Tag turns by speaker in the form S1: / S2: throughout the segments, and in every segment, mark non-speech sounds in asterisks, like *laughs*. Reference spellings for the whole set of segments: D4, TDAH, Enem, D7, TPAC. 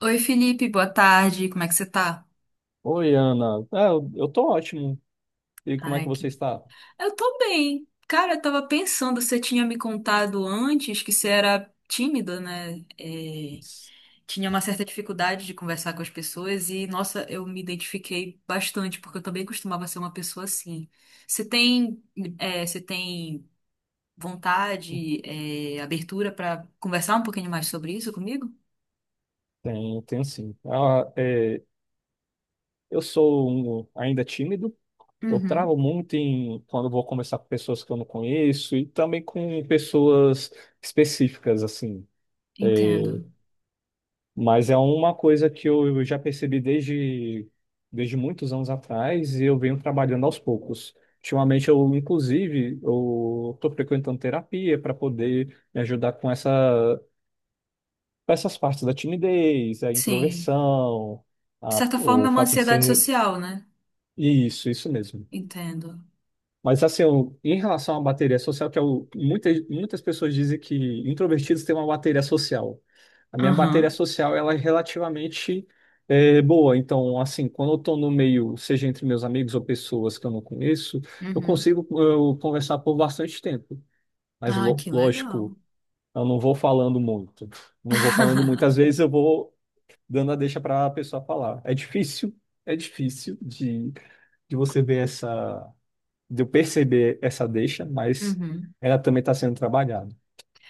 S1: Oi, Felipe, boa tarde. Como é que você tá?
S2: Oi, Ana. Eu tô ótimo. E como é que
S1: Ai,
S2: você
S1: que...
S2: está?
S1: Eu tô bem. Cara, eu tava pensando, você tinha me contado antes que você era tímida, né? Tinha uma certa dificuldade de conversar com as pessoas e, nossa, eu me identifiquei bastante, porque eu também costumava ser uma pessoa assim. Você tem, você tem vontade, abertura pra conversar um pouquinho mais sobre isso comigo?
S2: Tenho, tenho sim. Eu sou ainda tímido. Eu travo
S1: Uhum,
S2: muito em quando eu vou conversar com pessoas que eu não conheço e também com pessoas específicas, assim.
S1: entendo.
S2: Mas é uma coisa que eu já percebi desde muitos anos atrás e eu venho trabalhando aos poucos. Ultimamente, eu estou frequentando terapia para poder me ajudar com essas partes da timidez, a
S1: Sim.
S2: introversão,
S1: De certa forma,
S2: o
S1: é uma
S2: fato de
S1: ansiedade
S2: ser.
S1: social, né?
S2: Isso mesmo.
S1: Entendo.
S2: Mas assim, em relação à bateria social, que muitas pessoas dizem que introvertidos têm uma bateria social. A minha bateria
S1: Aham.
S2: social, ela é relativamente boa. Então, assim, quando eu estou no meio, seja entre meus amigos ou pessoas que eu não conheço, eu
S1: Uhum.
S2: consigo eu, conversar por bastante tempo. Mas,
S1: Ah, que legal.
S2: lógico, eu não vou falando muito. Não vou falando
S1: *laughs*
S2: muitas vezes, eu vou dando a deixa para a pessoa falar. É difícil de você ver essa, de eu perceber essa deixa, mas
S1: Uhum.
S2: ela também está sendo trabalhada.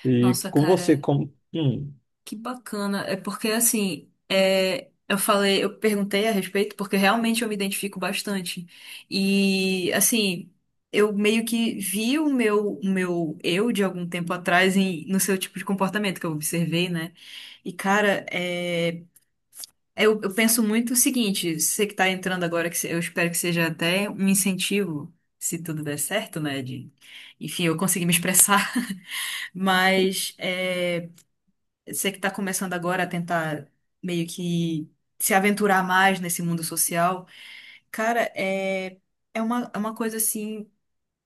S2: E
S1: Nossa,
S2: com você,
S1: cara,
S2: como?
S1: que bacana. É porque assim, eu falei, eu perguntei a respeito porque realmente eu me identifico bastante. E assim, eu meio que vi o meu eu de algum tempo atrás no seu tipo de comportamento que eu observei, né? E cara, é. Eu penso muito o seguinte, você que está entrando agora, que se- eu espero que seja até um incentivo, se tudo der certo, né? Enfim, eu consegui me expressar, *laughs* mas você que está começando agora a tentar meio que se aventurar mais nesse mundo social, cara, é uma coisa assim.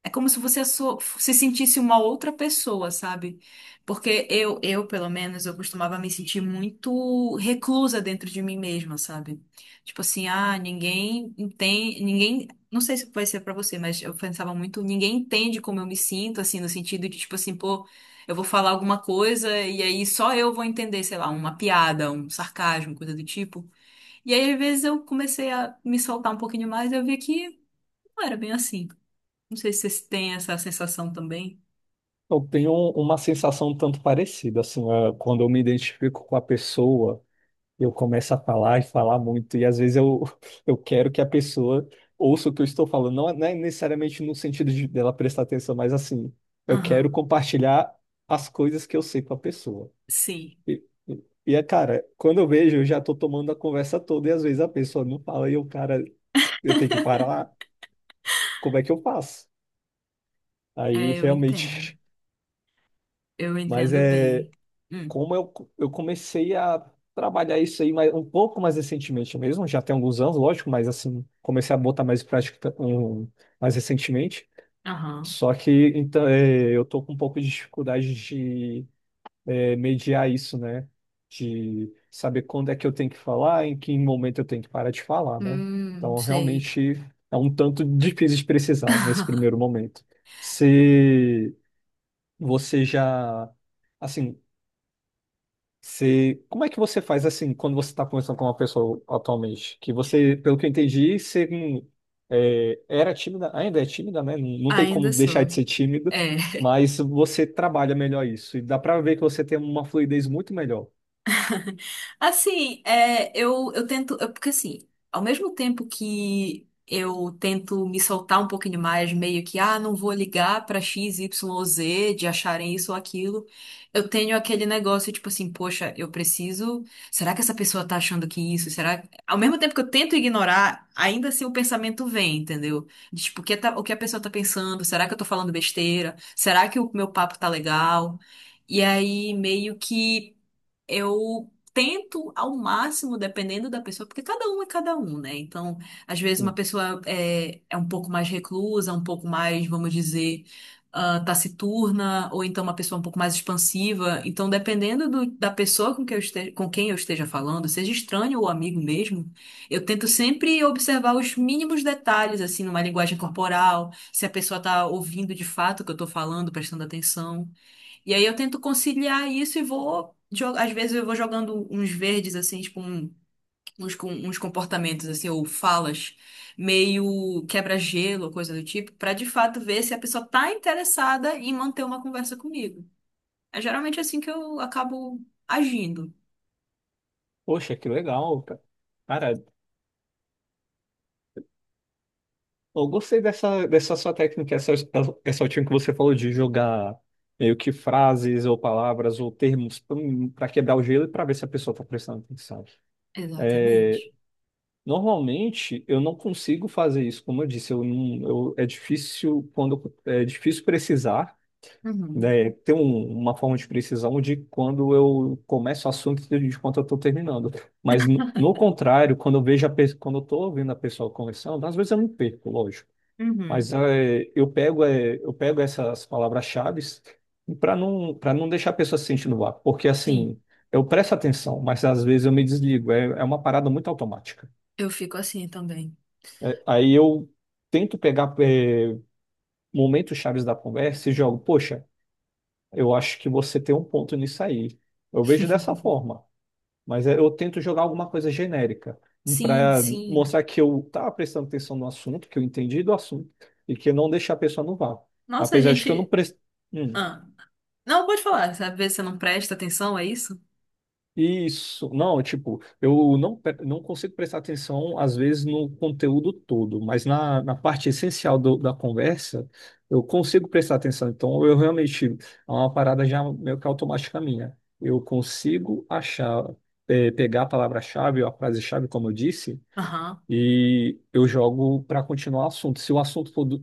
S1: É como se você se sentisse uma outra pessoa, sabe? Porque eu, pelo menos, eu costumava me sentir muito reclusa dentro de mim mesma, sabe? Tipo assim, ah, ninguém entende, ninguém, não sei se vai ser pra você, mas eu pensava muito, ninguém entende como eu me sinto, assim, no sentido de tipo assim, pô, eu vou falar alguma coisa e aí só eu vou entender, sei lá, uma piada, um sarcasmo, coisa do tipo. E aí, às vezes, eu comecei a me soltar um pouquinho mais e eu vi que não era bem assim. Não sei se vocês têm essa sensação também.
S2: Eu tenho uma sensação um tanto parecida, assim, ah, quando eu me identifico com a pessoa, eu começo a falar e falar muito, e às vezes eu, *laughs* eu quero que a pessoa ouça o que eu estou falando, não é necessariamente no sentido de dela prestar atenção, mas assim, eu quero
S1: Aham,
S2: compartilhar as coisas que eu sei com a pessoa.
S1: sim,
S2: E, e é, cara, quando eu vejo, eu já tô tomando a conversa toda e às vezes a pessoa não fala e o cara, eu tenho que parar, como é que eu faço? Aí
S1: eu entendo.
S2: realmente,
S1: Eu
S2: *laughs* mas
S1: entendo
S2: é
S1: bem. Hum,
S2: como eu comecei a trabalhar isso aí mais, um pouco mais recentemente mesmo, já tem alguns anos, lógico, mas assim, comecei a botar mais em prática mais recentemente.
S1: aham.
S2: Só que então, é, eu tô com um pouco de dificuldade de mediar isso, né? De saber quando é que eu tenho que falar, em que momento eu tenho que parar de falar, né?
S1: Hum,
S2: Então,
S1: sei.
S2: realmente é um tanto difícil de precisar nesse primeiro
S1: *laughs*
S2: momento. Se você já, assim, se, como é que você faz assim quando você está conversando com uma pessoa atualmente? Que você, pelo que eu entendi, você era tímida, ainda é tímida, né? Não tem como
S1: Ainda
S2: deixar
S1: sou.
S2: de ser tímido.
S1: É.
S2: Mas você trabalha melhor isso e dá para ver que você tem uma fluidez muito melhor.
S1: Assim, eu tento. Porque, assim, ao mesmo tempo que eu tento me soltar um pouquinho mais, meio que, ah, não vou ligar pra X, Y ou Z de acharem isso ou aquilo, eu tenho aquele negócio, tipo assim, poxa, eu preciso. Será que essa pessoa tá achando que isso? Será. Ao mesmo tempo que eu tento ignorar, ainda assim o pensamento vem, entendeu? Tipo, o que a pessoa tá pensando? Será que eu tô falando besteira? Será que o meu papo tá legal? E aí, meio que. Eu tento ao máximo, dependendo da pessoa, porque cada um é cada um, né? Então, às vezes uma
S2: Hum.
S1: pessoa é um pouco mais reclusa, um pouco mais, vamos dizer, ah, taciturna, ou então uma pessoa um pouco mais expansiva. Então, dependendo da pessoa com quem eu esteja falando, seja estranho ou amigo mesmo, eu tento sempre observar os mínimos detalhes, assim, numa linguagem corporal, se a pessoa tá ouvindo de fato o que eu tô falando, prestando atenção. E aí eu tento conciliar isso e vou. Às vezes eu vou jogando uns verdes, assim, tipo, uns comportamentos, assim, ou falas, meio quebra-gelo, coisa do tipo, pra de fato ver se a pessoa tá interessada em manter uma conversa comigo. É geralmente assim que eu acabo agindo.
S2: Poxa, que legal, cara. Cara, eu gostei dessa, dessa sua técnica, essa última que você falou de jogar meio que frases ou palavras ou termos para quebrar o gelo e para ver se a pessoa está prestando atenção. É,
S1: Exatamente.
S2: normalmente eu não consigo fazer isso, como eu disse, eu não, eu, é difícil quando é difícil precisar,
S1: Uhum.
S2: né, ter uma forma de precisão de quando eu começo o assunto e de quando eu estou terminando. Mas, no contrário, quando eu vejo a quando eu estou ouvindo a pessoa conversando, às vezes eu me perco, lógico. Mas
S1: Uhum.
S2: é, eu pego essas palavras-chave para para não deixar a pessoa se sentindo no vácuo. Porque,
S1: Sim.
S2: assim, eu presto atenção, mas às vezes eu me desligo. É, é uma parada muito automática.
S1: Eu fico assim também.
S2: É, aí eu tento pegar, é, momentos chaves da conversa e jogo, poxa. Eu acho que você tem um ponto nisso aí. Eu vejo dessa
S1: *laughs*
S2: forma, mas é, eu tento jogar alguma coisa genérica
S1: Sim,
S2: para
S1: sim.
S2: mostrar que eu estava prestando atenção no assunto, que eu entendi do assunto e que não deixar a pessoa no vácuo.
S1: Nossa, a
S2: Apesar de que eu não
S1: gente.
S2: prestei.
S1: Ah. Não, pode falar. Sabe, ver se você não presta atenção, é isso?
S2: Isso, não, tipo, eu não, não consigo prestar atenção, às vezes, no conteúdo todo, mas na parte essencial da conversa, eu consigo prestar atenção. Então, eu realmente, é uma parada já meio que automática minha. Eu consigo achar, pegar a palavra-chave ou a frase-chave, como eu disse,
S1: Aham.
S2: e eu jogo para continuar o assunto. Se o assunto for do-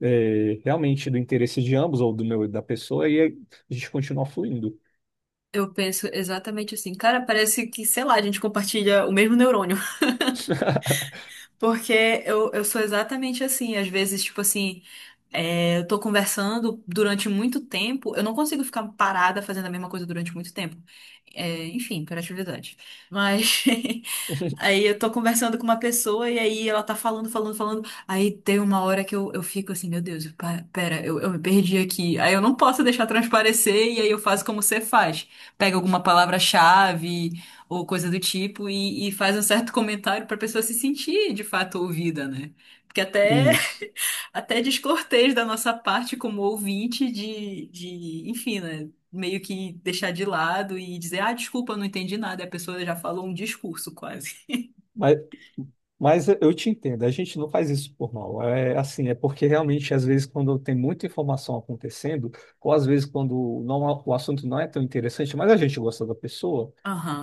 S2: eh, realmente do interesse de ambos, ou do meu e da pessoa, aí a gente continua fluindo.
S1: Eu penso exatamente assim. Cara, parece que, sei lá, a gente compartilha o mesmo neurônio.
S2: *laughs*
S1: Porque eu sou exatamente assim. Às vezes, tipo assim, eu tô conversando durante muito tempo, eu não consigo ficar parada fazendo a mesma coisa durante muito tempo. É, enfim, hiperatividade. Mas *laughs* aí eu tô conversando com uma pessoa e aí ela tá falando, falando, falando. Aí tem uma hora que eu fico assim, meu Deus, pera, eu me perdi aqui. Aí eu não posso deixar transparecer e aí eu faço como você faz. Pega alguma palavra-chave ou coisa do tipo, e faz um certo *laughs* comentário para a pessoa se sentir de fato ouvida, né? Porque até,
S2: Isso.
S1: *laughs* até é descortês da nossa parte como ouvinte de, enfim, né? Meio que deixar de lado e dizer, ah, desculpa, eu não entendi nada. E a pessoa já falou um discurso quase.
S2: Mas, mas eu te entendo, a gente não faz isso por mal. É assim, é porque realmente, às vezes, quando tem muita informação acontecendo, ou às vezes quando não, o assunto não é tão interessante, mas a gente gosta da pessoa,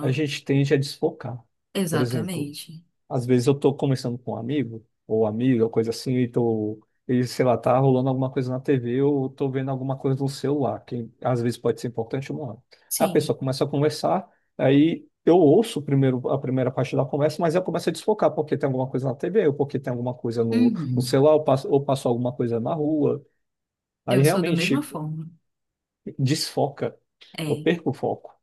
S2: a gente tende a desfocar. Por exemplo,
S1: exatamente.
S2: às vezes eu tô conversando com um amigo ou amiga, ou coisa assim, e tô, e, sei lá, tá rolando alguma coisa na TV ou tô vendo alguma coisa no celular, que às vezes pode ser importante ou não. A pessoa
S1: Sim.
S2: começa a conversar, aí eu ouço primeiro a primeira parte da conversa, mas eu começo a desfocar porque tem alguma coisa na TV, ou porque tem alguma coisa no
S1: Uhum.
S2: celular, ou passo alguma coisa na rua. Aí
S1: Eu sou da mesma
S2: realmente
S1: forma.
S2: desfoca. Eu
S1: É.
S2: perco o foco.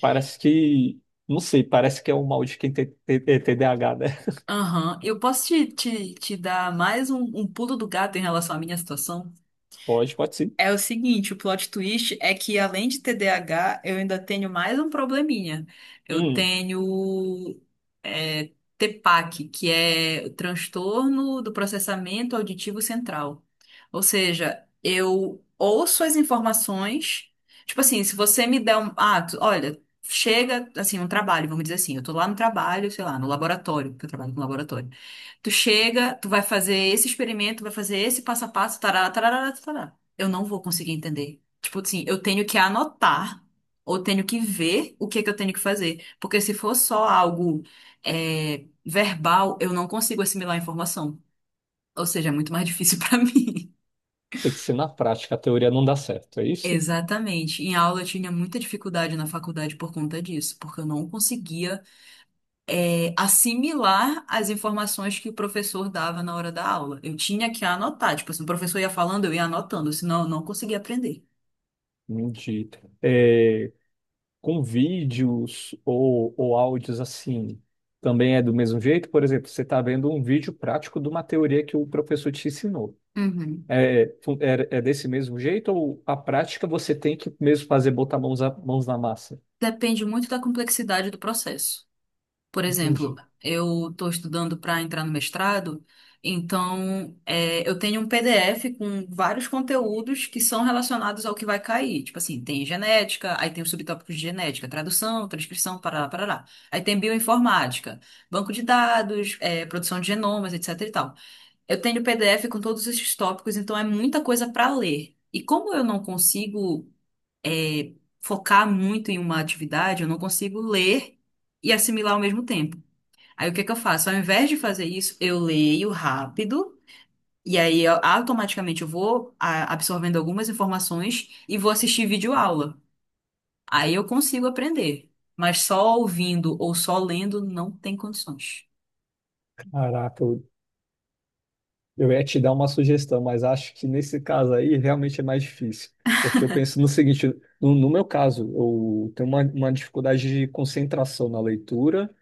S2: Parece que, não sei, parece que é o mal de quem tem TDAH, né?
S1: Aham. Eu posso te dar mais um pulo do gato em relação à minha situação?
S2: Pode, pode sim.
S1: É o seguinte, o plot twist é que além de TDAH, eu ainda tenho mais um probleminha. Eu
S2: Hum.
S1: tenho é, TPAC, que é o transtorno do processamento auditivo central. Ou seja, eu ouço as informações, tipo assim, se você me der um, ah, olha, chega assim um trabalho, vamos dizer assim, eu tô lá no trabalho, sei lá, no laboratório, porque eu trabalho com laboratório. Tu chega, tu vai fazer esse experimento, vai fazer esse passo a passo, tarará, tarará, tarará. Eu não vou conseguir entender. Tipo assim, eu tenho que anotar ou tenho que ver o que é que eu tenho que fazer. Porque se for só algo verbal, eu não consigo assimilar a informação. Ou seja, é muito mais difícil *laughs* pra mim.
S2: Tem que ser na prática, a teoria não dá certo, é isso?
S1: Exatamente. Em aula eu tinha muita dificuldade na faculdade por conta disso, porque eu não conseguia assimilar as informações que o professor dava na hora da aula. Eu tinha que anotar. Tipo, se o professor ia falando, eu ia anotando, senão eu não conseguia aprender.
S2: De, é, com vídeos ou áudios assim, também é do mesmo jeito? Por exemplo, você está vendo um vídeo prático de uma teoria que o professor te ensinou.
S1: Uhum.
S2: É desse mesmo jeito ou a prática você tem que mesmo fazer botar mãos, mãos na massa?
S1: Depende muito da complexidade do processo. Por exemplo,
S2: Entendi.
S1: eu estou estudando para entrar no mestrado, então eu tenho um PDF com vários conteúdos que são relacionados ao que vai cair. Tipo assim, tem genética, aí tem os subtópicos de genética, tradução, transcrição, parará, parará. Aí tem bioinformática, banco de dados, produção de genomas, etc e tal. Eu tenho PDF com todos esses tópicos, então é muita coisa para ler. E como eu não consigo é, focar muito em uma atividade, eu não consigo ler e assimilar ao mesmo tempo. Aí o que é que eu faço? Ao invés de fazer isso, eu leio rápido e aí automaticamente eu vou absorvendo algumas informações e vou assistir videoaula. Aí eu consigo aprender, mas só ouvindo ou só lendo não tem condições.
S2: Caraca, eu, eu ia te dar uma sugestão, mas acho que nesse caso aí realmente é mais difícil. Porque eu penso no seguinte, no meu caso, eu tenho uma dificuldade de concentração na leitura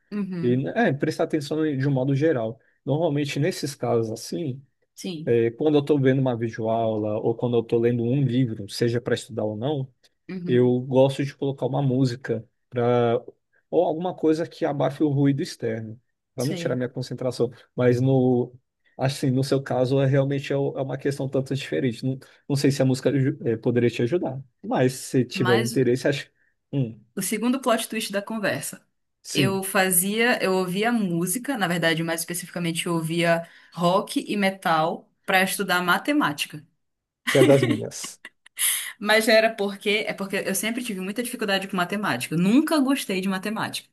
S2: e
S1: Uhum,
S2: é, prestar atenção de um modo geral. Normalmente, nesses casos assim,
S1: sim,
S2: é, quando eu estou vendo uma videoaula ou quando eu estou lendo um livro, seja para estudar ou não,
S1: uhum,
S2: eu gosto de colocar uma música para ou alguma coisa que abafe o ruído externo, para não tirar
S1: sei.
S2: minha concentração. Mas no assim, no seu caso, é realmente é uma questão tanto diferente. Não, não sei se a música poderia te ajudar, mas se tiver
S1: Mas
S2: interesse, acho. Hum,
S1: o segundo plot twist da conversa. Eu
S2: sim,
S1: fazia, eu ouvia música, na verdade, mais especificamente eu ouvia rock e metal para estudar matemática.
S2: se é das minhas.
S1: Mas era porque eu sempre tive muita dificuldade com matemática. Eu nunca gostei de matemática.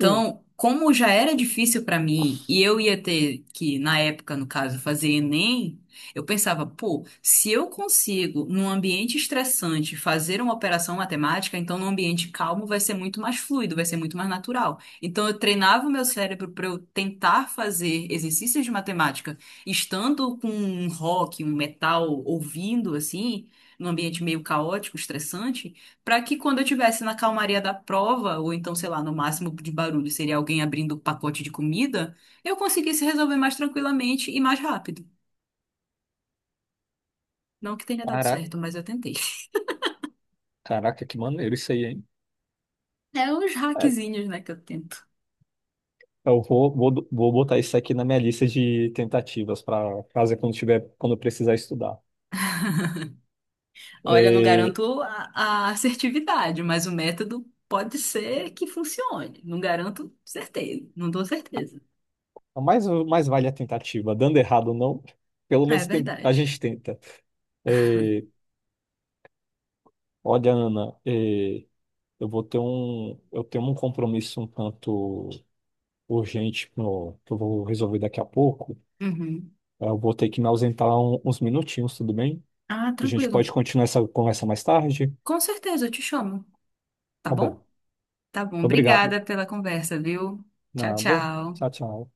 S2: Hum,
S1: como já era difícil para mim e eu ia ter que, na época, no caso, fazer Enem, eu pensava, pô, se eu consigo, num ambiente estressante, fazer uma operação matemática, então num ambiente calmo vai ser muito mais fluido, vai ser muito mais natural. Então, eu treinava o meu cérebro para eu tentar fazer exercícios de matemática, estando com um rock, um metal ouvindo assim num ambiente meio caótico, estressante, para que quando eu estivesse na calmaria da prova, ou então, sei lá, no máximo de barulho seria alguém abrindo o pacote de comida, eu conseguisse resolver mais tranquilamente e mais rápido. Não que tenha dado
S2: caraca,
S1: certo, mas eu tentei. *laughs*
S2: caraca, que maneiro isso aí, hein?
S1: É uns
S2: É,
S1: hackzinhos, né, que eu tento.
S2: vou botar isso aqui na minha lista de tentativas para fazer quando tiver, quando eu precisar estudar.
S1: Olha, não
S2: É,
S1: garanto a assertividade, mas o método pode ser que funcione. Não garanto certeza, não dou certeza.
S2: mais, mais vale a tentativa. Dando errado ou não, pelo
S1: É
S2: menos a
S1: verdade.
S2: gente tenta. É, olha, Ana, é, eu tenho um compromisso um tanto urgente que eu vou resolver daqui a pouco.
S1: Uhum.
S2: Eu vou ter que me ausentar uns minutinhos, tudo bem?
S1: Ah,
S2: A gente
S1: tranquilo.
S2: pode continuar essa conversa mais tarde?
S1: Com certeza, eu te chamo, tá
S2: Tá bom.
S1: bom? Tá bom,
S2: Obrigado.
S1: obrigada pela conversa, viu? Tchau,
S2: Nada.
S1: tchau.
S2: Tchau, tchau.